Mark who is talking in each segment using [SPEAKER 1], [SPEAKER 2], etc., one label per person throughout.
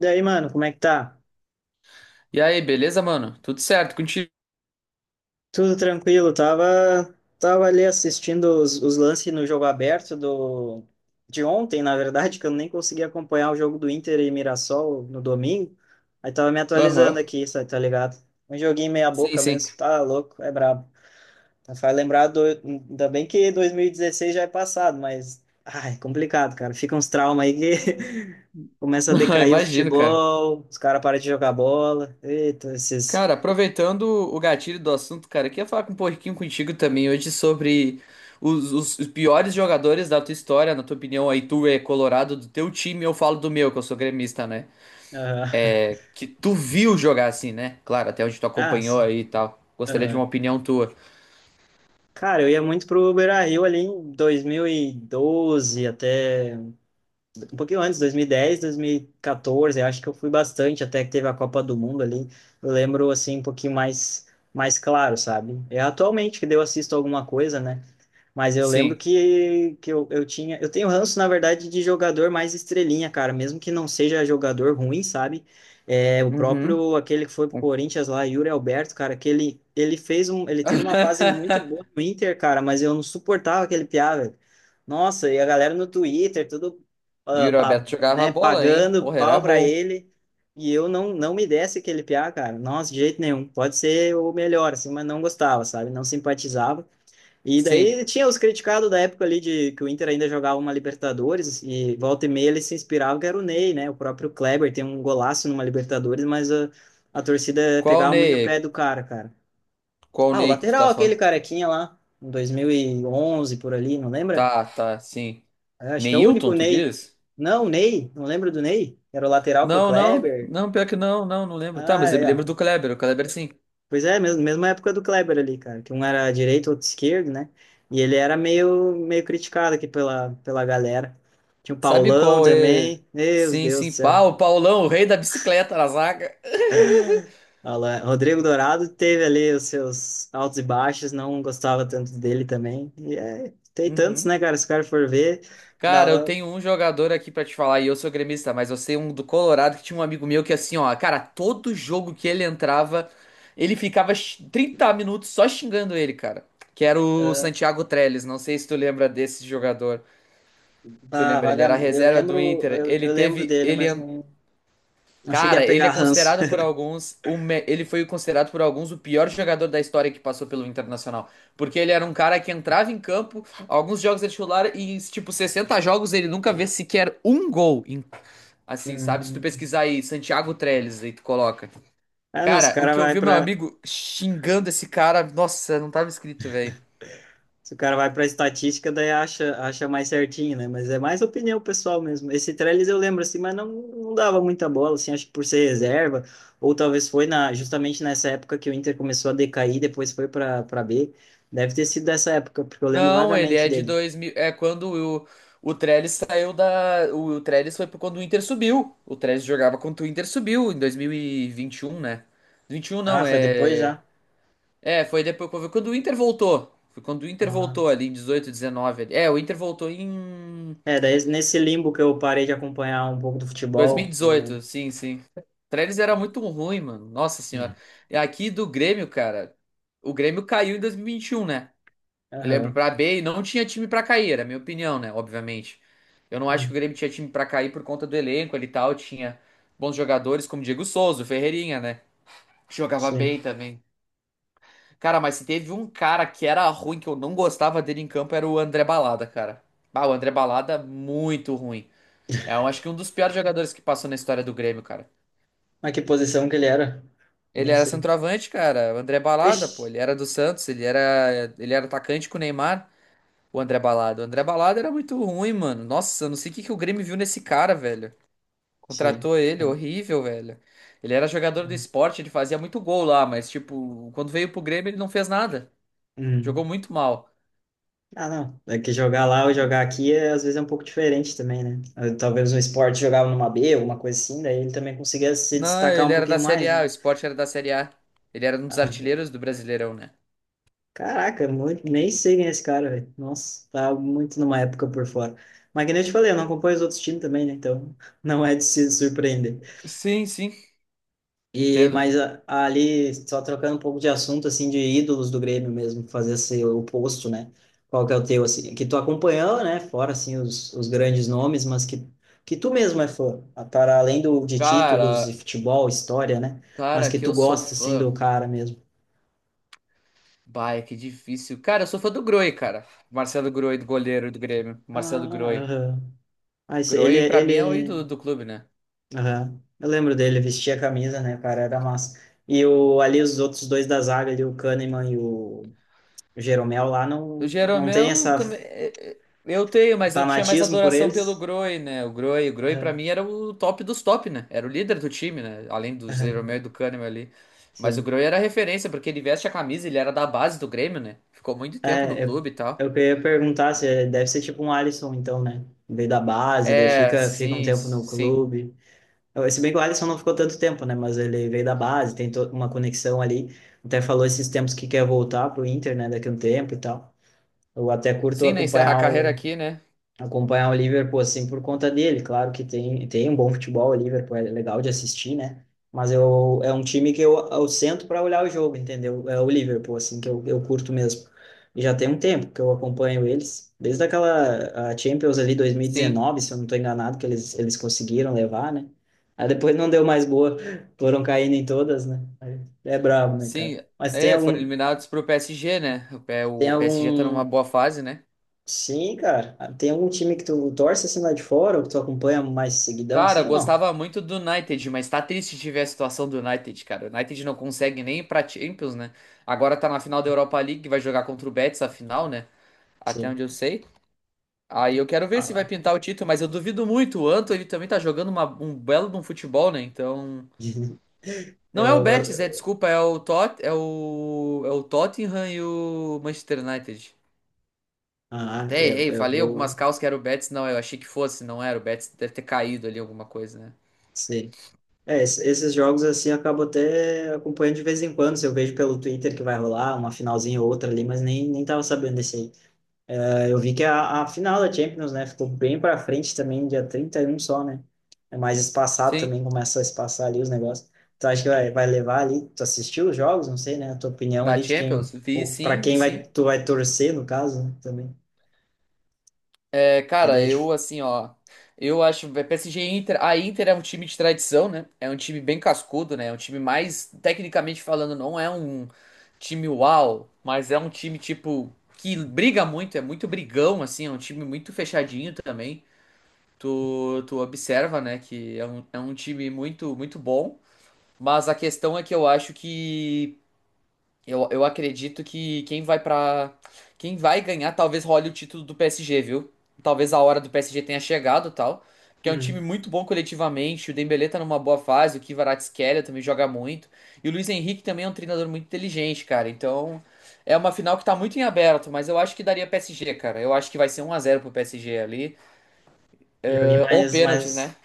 [SPEAKER 1] Daí, mano, como é que tá?
[SPEAKER 2] E aí, beleza, mano? Tudo certo contigo?
[SPEAKER 1] Tudo tranquilo, tava ali assistindo os lances no jogo aberto de ontem, na verdade, que eu nem consegui acompanhar o jogo do Inter e Mirassol no domingo. Aí tava me atualizando
[SPEAKER 2] Aham.
[SPEAKER 1] aqui, sabe, tá ligado? Um joguinho meia
[SPEAKER 2] Sim,
[SPEAKER 1] boca
[SPEAKER 2] sim.
[SPEAKER 1] mesmo, tá louco, é brabo. Tá. Faz ainda bem que 2016 já é passado, mas, ai, complicado, cara, fica uns traumas aí que começa a
[SPEAKER 2] Ah,
[SPEAKER 1] decair o
[SPEAKER 2] imagino, cara.
[SPEAKER 1] futebol, os caras param de jogar bola, eita, esses...
[SPEAKER 2] Cara, aproveitando o gatilho do assunto, cara, eu queria falar um pouquinho contigo também hoje sobre os piores jogadores da tua história, na tua opinião, aí tu é colorado do teu time, eu falo do meu, que eu sou gremista, né?
[SPEAKER 1] Aham.
[SPEAKER 2] É, que tu viu jogar assim, né? Claro, até onde tu
[SPEAKER 1] Ah,
[SPEAKER 2] acompanhou
[SPEAKER 1] sim.
[SPEAKER 2] aí e tal. Gostaria de uma
[SPEAKER 1] Aham.
[SPEAKER 2] opinião tua.
[SPEAKER 1] Cara, eu ia muito pro Beira-Rio ali em 2012 até um pouquinho antes, 2010, 2014, acho que eu fui bastante até que teve a Copa do Mundo ali. Eu lembro assim um pouquinho mais claro, sabe? É atualmente que daí eu assisto alguma coisa, né? Mas eu lembro
[SPEAKER 2] Sim.
[SPEAKER 1] que eu tinha. Eu tenho ranço, na verdade, de jogador mais estrelinha, cara. Mesmo que não seja jogador ruim, sabe? É, o
[SPEAKER 2] Uhum.
[SPEAKER 1] próprio, aquele que foi pro Corinthians lá, Yuri Alberto, cara, que ele fez um. Ele teve uma fase muito boa no Inter, cara, mas eu não suportava aquele piá, velho. Nossa, e a galera no Twitter, tudo,
[SPEAKER 2] E o Roberto jogava a
[SPEAKER 1] né,
[SPEAKER 2] bola, hein?
[SPEAKER 1] pagando
[SPEAKER 2] Porra, era
[SPEAKER 1] pau pra
[SPEAKER 2] bom.
[SPEAKER 1] ele. E eu não me desse aquele piá, cara. Nossa, de jeito nenhum. Pode ser o melhor, assim, mas não gostava, sabe? Não simpatizava. E
[SPEAKER 2] Sim.
[SPEAKER 1] daí tinha os criticados da época ali de que o Inter ainda jogava uma Libertadores e volta e meia ele se inspirava, que era o Ney, né? O próprio Kleber tem um golaço numa Libertadores, mas a torcida
[SPEAKER 2] Qual o
[SPEAKER 1] pegava muito no pé
[SPEAKER 2] Ney?
[SPEAKER 1] do cara, cara.
[SPEAKER 2] Qual
[SPEAKER 1] Ah, o
[SPEAKER 2] Ney que tu tá
[SPEAKER 1] lateral, aquele
[SPEAKER 2] falando?
[SPEAKER 1] carequinha lá, em 2011 por ali, não lembra?
[SPEAKER 2] Tá, tá, sim.
[SPEAKER 1] É, acho que é o único
[SPEAKER 2] Neilton, tu
[SPEAKER 1] Ney.
[SPEAKER 2] diz?
[SPEAKER 1] Não, o Ney, não lembro do Ney. Era o lateral com o
[SPEAKER 2] Não, não,
[SPEAKER 1] Kleber.
[SPEAKER 2] não, pior que não lembro. Tá,
[SPEAKER 1] Ah,
[SPEAKER 2] mas eu
[SPEAKER 1] é,
[SPEAKER 2] me lembro
[SPEAKER 1] ó.
[SPEAKER 2] do Kleber, o Kleber sim.
[SPEAKER 1] Pois é, mesmo, mesma época do Kleber ali, cara, que um era direito, outro esquerdo, né? E ele era meio criticado aqui pela galera. Tinha o
[SPEAKER 2] Sabe
[SPEAKER 1] Paulão
[SPEAKER 2] qual é?
[SPEAKER 1] também, meu
[SPEAKER 2] Sim,
[SPEAKER 1] Deus do
[SPEAKER 2] sim, pá,
[SPEAKER 1] céu.
[SPEAKER 2] o Paulão, o rei da bicicleta na zaga.
[SPEAKER 1] Olha lá, Rodrigo Dourado teve ali os seus altos e baixos, não gostava tanto dele também. E é, tem tantos,
[SPEAKER 2] Uhum.
[SPEAKER 1] né, cara? Se o cara for ver,
[SPEAKER 2] Cara, eu
[SPEAKER 1] dava.
[SPEAKER 2] tenho um jogador aqui pra te falar, e eu sou gremista, mas eu sei um do Colorado que tinha um amigo meu que assim, ó, cara, todo jogo que ele entrava, ele ficava 30 minutos só xingando ele, cara. Que era o
[SPEAKER 1] ah,
[SPEAKER 2] Santiago Trellis, não sei se tu lembra desse jogador. Tu
[SPEAKER 1] Bah,
[SPEAKER 2] lembra, ele
[SPEAKER 1] vaga,
[SPEAKER 2] era a
[SPEAKER 1] eu
[SPEAKER 2] reserva do
[SPEAKER 1] lembro,
[SPEAKER 2] Inter.
[SPEAKER 1] eu,
[SPEAKER 2] Ele
[SPEAKER 1] eu lembro
[SPEAKER 2] teve.
[SPEAKER 1] dele, mas não, não cheguei a
[SPEAKER 2] Cara, ele é
[SPEAKER 1] pegar ranço.
[SPEAKER 2] considerado por alguns. Ele foi considerado por alguns o pior jogador da história que passou pelo Internacional. Porque ele era um cara que entrava em campo, alguns jogos é titular, e em tipo 60 jogos ele nunca vê sequer um gol. Assim, sabe? Se tu
[SPEAKER 1] Hum.
[SPEAKER 2] pesquisar aí, Santiago Trellis, aí tu coloca.
[SPEAKER 1] Ah, não, se o
[SPEAKER 2] Cara, o
[SPEAKER 1] cara
[SPEAKER 2] que eu
[SPEAKER 1] vai
[SPEAKER 2] vi meu
[SPEAKER 1] para
[SPEAKER 2] amigo xingando esse cara, nossa, não tava escrito, velho.
[SPEAKER 1] se o cara vai para a estatística, daí acha mais certinho, né? Mas é mais opinião pessoal mesmo. Esse Trellis eu lembro assim, mas não, não dava muita bola, assim, acho que por ser reserva, ou talvez foi justamente nessa época que o Inter começou a decair, depois foi para B. Deve ter sido dessa época, porque eu lembro
[SPEAKER 2] Não, ele
[SPEAKER 1] vagamente
[SPEAKER 2] é de
[SPEAKER 1] dele.
[SPEAKER 2] 2000. É quando o Trellis saiu da. O Trellis foi por quando o Inter subiu. O Trellis jogava quando o Inter subiu em dois mil e vinte e um, né? 21
[SPEAKER 1] Ah,
[SPEAKER 2] não,
[SPEAKER 1] foi depois
[SPEAKER 2] é.
[SPEAKER 1] já?
[SPEAKER 2] É, foi depois foi quando o Inter voltou. Foi quando o Inter voltou
[SPEAKER 1] Ah.
[SPEAKER 2] ali em 18 19. Ali. É, o Inter voltou em
[SPEAKER 1] É, daí nesse limbo que eu parei de acompanhar um pouco do
[SPEAKER 2] dois mil e
[SPEAKER 1] futebol.
[SPEAKER 2] dezoito. Sim, sim. O Trellis era muito ruim, mano. Nossa senhora.
[SPEAKER 1] Hum.
[SPEAKER 2] E aqui do Grêmio, cara. O Grêmio caiu em dois mil e vinte e um, né? Eu lembro
[SPEAKER 1] Aham.
[SPEAKER 2] pra B e não tinha time pra cair, era a minha opinião, né? Obviamente. Eu não acho que o
[SPEAKER 1] Hum.
[SPEAKER 2] Grêmio tinha time pra cair por conta do elenco ali e tal. Tinha bons jogadores como Diego Souza, o Ferreirinha, né? Que jogava
[SPEAKER 1] Sei.
[SPEAKER 2] bem também. Cara, mas se teve um cara que era ruim, que eu não gostava dele em campo, era o André Balada, cara. Ah, o André Balada, muito ruim. É, eu acho que um dos piores jogadores que passou na história do Grêmio, cara.
[SPEAKER 1] Mas que posição que ele era?
[SPEAKER 2] Ele
[SPEAKER 1] Nem
[SPEAKER 2] era
[SPEAKER 1] sei.
[SPEAKER 2] centroavante, cara. O André Balada,
[SPEAKER 1] Ixi,
[SPEAKER 2] pô, ele era do Santos, ele era atacante com o Neymar. O André Balada. O André Balada era muito ruim, mano. Nossa, eu não sei o que que o Grêmio viu nesse cara, velho.
[SPEAKER 1] sei.
[SPEAKER 2] Contratou ele,
[SPEAKER 1] Não,
[SPEAKER 2] horrível, velho. Ele era jogador do
[SPEAKER 1] não.
[SPEAKER 2] esporte, ele fazia muito gol lá, mas, tipo, quando veio pro Grêmio, ele não fez nada. Jogou
[SPEAKER 1] Hum.
[SPEAKER 2] muito mal.
[SPEAKER 1] Ah, não. É que jogar lá ou jogar aqui é, às vezes é um pouco diferente também, né? Talvez um esporte jogava numa B, uma coisa assim, daí ele também conseguia se
[SPEAKER 2] Não,
[SPEAKER 1] destacar um
[SPEAKER 2] ele era
[SPEAKER 1] pouquinho
[SPEAKER 2] da Série
[SPEAKER 1] mais,
[SPEAKER 2] A, o
[SPEAKER 1] né?
[SPEAKER 2] esporte era da Série A. Ele era um dos
[SPEAKER 1] Ah,
[SPEAKER 2] artilheiros do Brasileirão, né?
[SPEAKER 1] caraca, muito, nem sei quem é esse cara, velho. Nossa, tá muito numa época por fora. Mas que nem eu te falei, eu não acompanho os outros times também, né? Então não é de se surpreender.
[SPEAKER 2] Sim, sim.
[SPEAKER 1] E,
[SPEAKER 2] Entendo.
[SPEAKER 1] ali, só trocando um pouco de assunto, assim, de ídolos do Grêmio mesmo, fazer esse oposto, né? Qual que é o teu, assim, que tu acompanhou, né? Fora, assim, os grandes nomes, que tu mesmo é fã, para além do, de títulos e
[SPEAKER 2] Cara,
[SPEAKER 1] futebol, história, né? Mas
[SPEAKER 2] cara,
[SPEAKER 1] que
[SPEAKER 2] que
[SPEAKER 1] tu
[SPEAKER 2] eu sou
[SPEAKER 1] gosta, assim,
[SPEAKER 2] fã.
[SPEAKER 1] do cara mesmo.
[SPEAKER 2] Bah, é que difícil. Cara, eu sou fã do Groi, cara. Marcelo Groi, do goleiro do Grêmio. Marcelo
[SPEAKER 1] Ah,
[SPEAKER 2] Groi.
[SPEAKER 1] aham. Ah, esse- ele,
[SPEAKER 2] Groi, pra mim, é o
[SPEAKER 1] ele,
[SPEAKER 2] ídolo do clube, né?
[SPEAKER 1] aham. Eu lembro dele, vestia a camisa, né, cara, era massa. E o, ali os outros dois da zaga, ali, o Kahneman e o Jeromel lá,
[SPEAKER 2] O
[SPEAKER 1] não, não tem
[SPEAKER 2] Jeromel
[SPEAKER 1] essa.
[SPEAKER 2] também. É, é, eu tenho, mas eu tinha mais
[SPEAKER 1] Fanatismo por
[SPEAKER 2] adoração pelo
[SPEAKER 1] eles?
[SPEAKER 2] Groy, né? O Groy pra
[SPEAKER 1] Aham,
[SPEAKER 2] mim era o top dos top, né? Era o líder do time, né? Além do Jeromel
[SPEAKER 1] aham,
[SPEAKER 2] e do Kahneman ali. Mas o
[SPEAKER 1] sim.
[SPEAKER 2] Groy era referência, porque ele veste a camisa, ele era da base do Grêmio, né? Ficou muito tempo no
[SPEAKER 1] É, eu,
[SPEAKER 2] clube e tal.
[SPEAKER 1] eu queria perguntar se deve ser tipo um Alisson, então, né? Veio da base, daí
[SPEAKER 2] É,
[SPEAKER 1] fica um
[SPEAKER 2] sim,
[SPEAKER 1] tempo no
[SPEAKER 2] sim.
[SPEAKER 1] clube. Se bem que o Alisson não ficou tanto tempo, né? Mas ele veio da base, tem toda uma conexão ali. Até falou esses tempos que quer voltar pro Inter, né? Daqui a um tempo e tal. Eu até curto
[SPEAKER 2] Sim, né? Encerra a
[SPEAKER 1] acompanhar
[SPEAKER 2] carreira
[SPEAKER 1] o
[SPEAKER 2] aqui, né?
[SPEAKER 1] acompanhar o Liverpool assim por conta dele. Claro que tem um bom futebol, o Liverpool é legal de assistir, né? Mas eu, é um time que eu sento para olhar o jogo, entendeu? É o Liverpool, assim, que eu curto mesmo. E já tem um tempo que eu acompanho eles, desde aquela a Champions ali
[SPEAKER 2] Sim,
[SPEAKER 1] 2019, se eu não estou enganado, que eles conseguiram levar, né? Aí depois não deu mais boa, foram caindo em todas, né? É brabo, né, cara?
[SPEAKER 2] sim.
[SPEAKER 1] Mas
[SPEAKER 2] É, foram eliminados pro PSG, né? O P-
[SPEAKER 1] tem
[SPEAKER 2] o PSG tá numa
[SPEAKER 1] algum...
[SPEAKER 2] boa fase, né?
[SPEAKER 1] Sim, cara. Ah, tem algum time que tu torce assim lá de fora, ou que tu acompanha mais seguidão,
[SPEAKER 2] Cara, eu
[SPEAKER 1] sim ou não?
[SPEAKER 2] gostava muito do United, mas tá triste de ver a situação do United, cara. O United não consegue nem ir pra Champions, né? Agora tá na final da Europa League, vai jogar contra o Betis a final, né? Até
[SPEAKER 1] Sim.
[SPEAKER 2] onde eu sei. Aí eu quero ver
[SPEAKER 1] Ah,
[SPEAKER 2] se vai
[SPEAKER 1] vai.
[SPEAKER 2] pintar o título, mas eu duvido muito. O Anto, ele também tá jogando um belo de um futebol, né? Então. Não é o
[SPEAKER 1] Eu, vou-
[SPEAKER 2] Betis, é,
[SPEAKER 1] eu-
[SPEAKER 2] desculpa, é o Tot, é o, é o Tottenham e o Manchester United.
[SPEAKER 1] ah,
[SPEAKER 2] Até errei,
[SPEAKER 1] eu
[SPEAKER 2] falei algumas
[SPEAKER 1] vou.
[SPEAKER 2] calças que era o Betis, não, eu achei que fosse, não era o Betis, deve ter caído ali alguma coisa, né?
[SPEAKER 1] Sim. É, esses jogos assim eu acabo até acompanhando de vez em quando. Se eu vejo pelo Twitter que vai rolar uma finalzinha ou outra ali, mas nem tava sabendo desse aí. Eu vi que a final da Champions, né, ficou bem para frente também, dia 31 só, né? É mais espaçado
[SPEAKER 2] Sim.
[SPEAKER 1] também, começa a espaçar ali os negócios. Tu acha que vai levar ali? Tu assistiu os jogos? Não sei, né? A tua opinião
[SPEAKER 2] Da
[SPEAKER 1] ali de quem,
[SPEAKER 2] Champions? Vi
[SPEAKER 1] ou para
[SPEAKER 2] sim, vi
[SPEAKER 1] quem vai,
[SPEAKER 2] sim.
[SPEAKER 1] tu vai torcer, no caso, né, também.
[SPEAKER 2] É,
[SPEAKER 1] Que
[SPEAKER 2] cara,
[SPEAKER 1] daí é...
[SPEAKER 2] eu assim, ó. Eu acho é, PSG e Inter. A Inter é um time de tradição, né? É um time bem cascudo, né? É um time mais, tecnicamente falando, não é um time uau, mas é um time tipo que briga muito, é muito brigão, assim, é um time muito fechadinho também. Tu observa, né, que é um time muito bom. Mas a questão é que eu acho que eu acredito que quem vai pra. Quem vai ganhar talvez role o título do PSG, viu? Talvez a hora do PSG tenha chegado, tal, porque é um time
[SPEAKER 1] Uhum.
[SPEAKER 2] muito bom coletivamente, o Dembélé tá numa boa fase, o Kvaratskhelia também joga muito, e o Luiz Henrique também é um treinador muito inteligente, cara. Então, é uma final que tá muito em aberto, mas eu acho que daria PSG, cara. Eu acho que vai ser um a 0 pro PSG ali,
[SPEAKER 1] Joguei
[SPEAKER 2] eh, ou
[SPEAKER 1] mais,
[SPEAKER 2] pênaltis, né?
[SPEAKER 1] mais,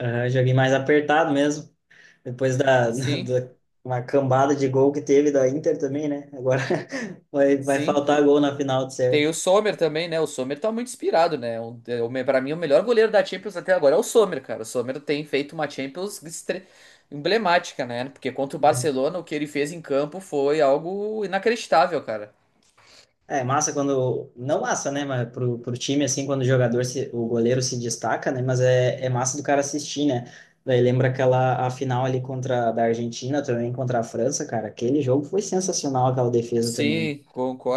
[SPEAKER 1] aham, joguei mais apertado mesmo. Depois da,
[SPEAKER 2] Sim,
[SPEAKER 1] da uma cambada de gol que teve da Inter também, né? Agora vai
[SPEAKER 2] sim.
[SPEAKER 1] faltar gol na final, de
[SPEAKER 2] Tem
[SPEAKER 1] certo.
[SPEAKER 2] o Sommer também, né? O Sommer tá muito inspirado, né? Pra mim, o melhor goleiro da Champions até agora é o Sommer, cara. O Sommer tem feito uma emblemática, né? Porque contra o Barcelona, o que ele fez em campo foi algo inacreditável, cara.
[SPEAKER 1] É massa quando. Não massa, né? Mas pro time, assim, quando o jogador, se, o goleiro se destaca, né? Mas é, é massa do cara assistir, né? Daí lembra aquela a final ali contra da Argentina também, contra a França, cara. Aquele jogo foi sensacional, aquela defesa também.
[SPEAKER 2] Sim,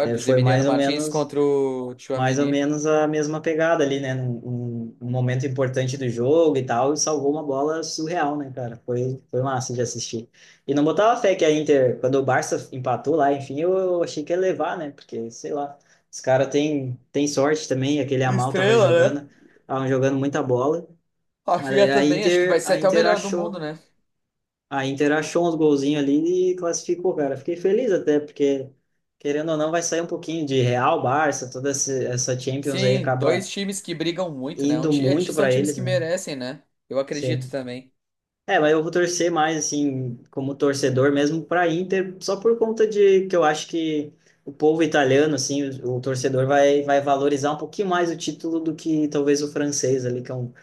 [SPEAKER 1] É,
[SPEAKER 2] Do
[SPEAKER 1] foi
[SPEAKER 2] Emiliano Martins contra o
[SPEAKER 1] mais ou
[SPEAKER 2] Tchouaméni.
[SPEAKER 1] menos a mesma pegada ali, né? Um momento importante do jogo e tal, e salvou uma bola surreal, né, cara? Foi massa de assistir. E não botava fé que a Inter, quando o Barça empatou lá, enfim, eu achei que ia levar, né? Porque, sei lá, os caras têm tem sorte também, aquele Amal tava
[SPEAKER 2] Estrela, né?
[SPEAKER 1] jogando, estavam jogando muita bola, mas
[SPEAKER 2] Rafinha
[SPEAKER 1] aí
[SPEAKER 2] também, acho que vai ser
[SPEAKER 1] A
[SPEAKER 2] até o
[SPEAKER 1] Inter
[SPEAKER 2] melhor do mundo,
[SPEAKER 1] achou.
[SPEAKER 2] né?
[SPEAKER 1] A Inter achou uns golzinhos ali e classificou, cara. Fiquei feliz até, porque, querendo ou não, vai sair um pouquinho de Real, Barça, essa Champions aí
[SPEAKER 2] Sim, dois
[SPEAKER 1] acaba
[SPEAKER 2] times que brigam muito, né?
[SPEAKER 1] indo muito
[SPEAKER 2] São
[SPEAKER 1] para
[SPEAKER 2] times
[SPEAKER 1] eles,
[SPEAKER 2] que
[SPEAKER 1] né?
[SPEAKER 2] merecem, né? Eu acredito
[SPEAKER 1] Sim.
[SPEAKER 2] também.
[SPEAKER 1] É, mas eu vou torcer mais, assim, como torcedor mesmo para Inter, só por conta de que eu acho que o povo italiano, assim, o torcedor vai valorizar um pouquinho mais o título do que talvez o francês ali, que é um...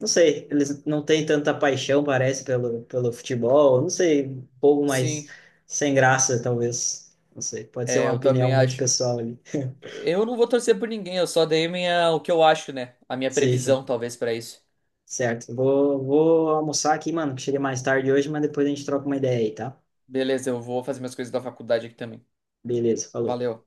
[SPEAKER 1] não sei, eles não têm tanta paixão, parece, pelo futebol. Não sei, um pouco mais
[SPEAKER 2] Sim,
[SPEAKER 1] sem graça, talvez. Não sei, pode ser
[SPEAKER 2] é,
[SPEAKER 1] uma
[SPEAKER 2] eu
[SPEAKER 1] opinião
[SPEAKER 2] também
[SPEAKER 1] muito
[SPEAKER 2] acho.
[SPEAKER 1] pessoal ali.
[SPEAKER 2] Eu não vou torcer por ninguém, eu só dei minha, o que eu acho, né? A minha
[SPEAKER 1] Sim, sim,
[SPEAKER 2] previsão, talvez, pra isso.
[SPEAKER 1] certo. Vou almoçar aqui, mano, que cheguei mais tarde hoje, mas depois a gente troca uma ideia aí, tá?
[SPEAKER 2] Beleza, eu vou fazer minhas coisas da faculdade aqui também.
[SPEAKER 1] Beleza, falou.
[SPEAKER 2] Valeu.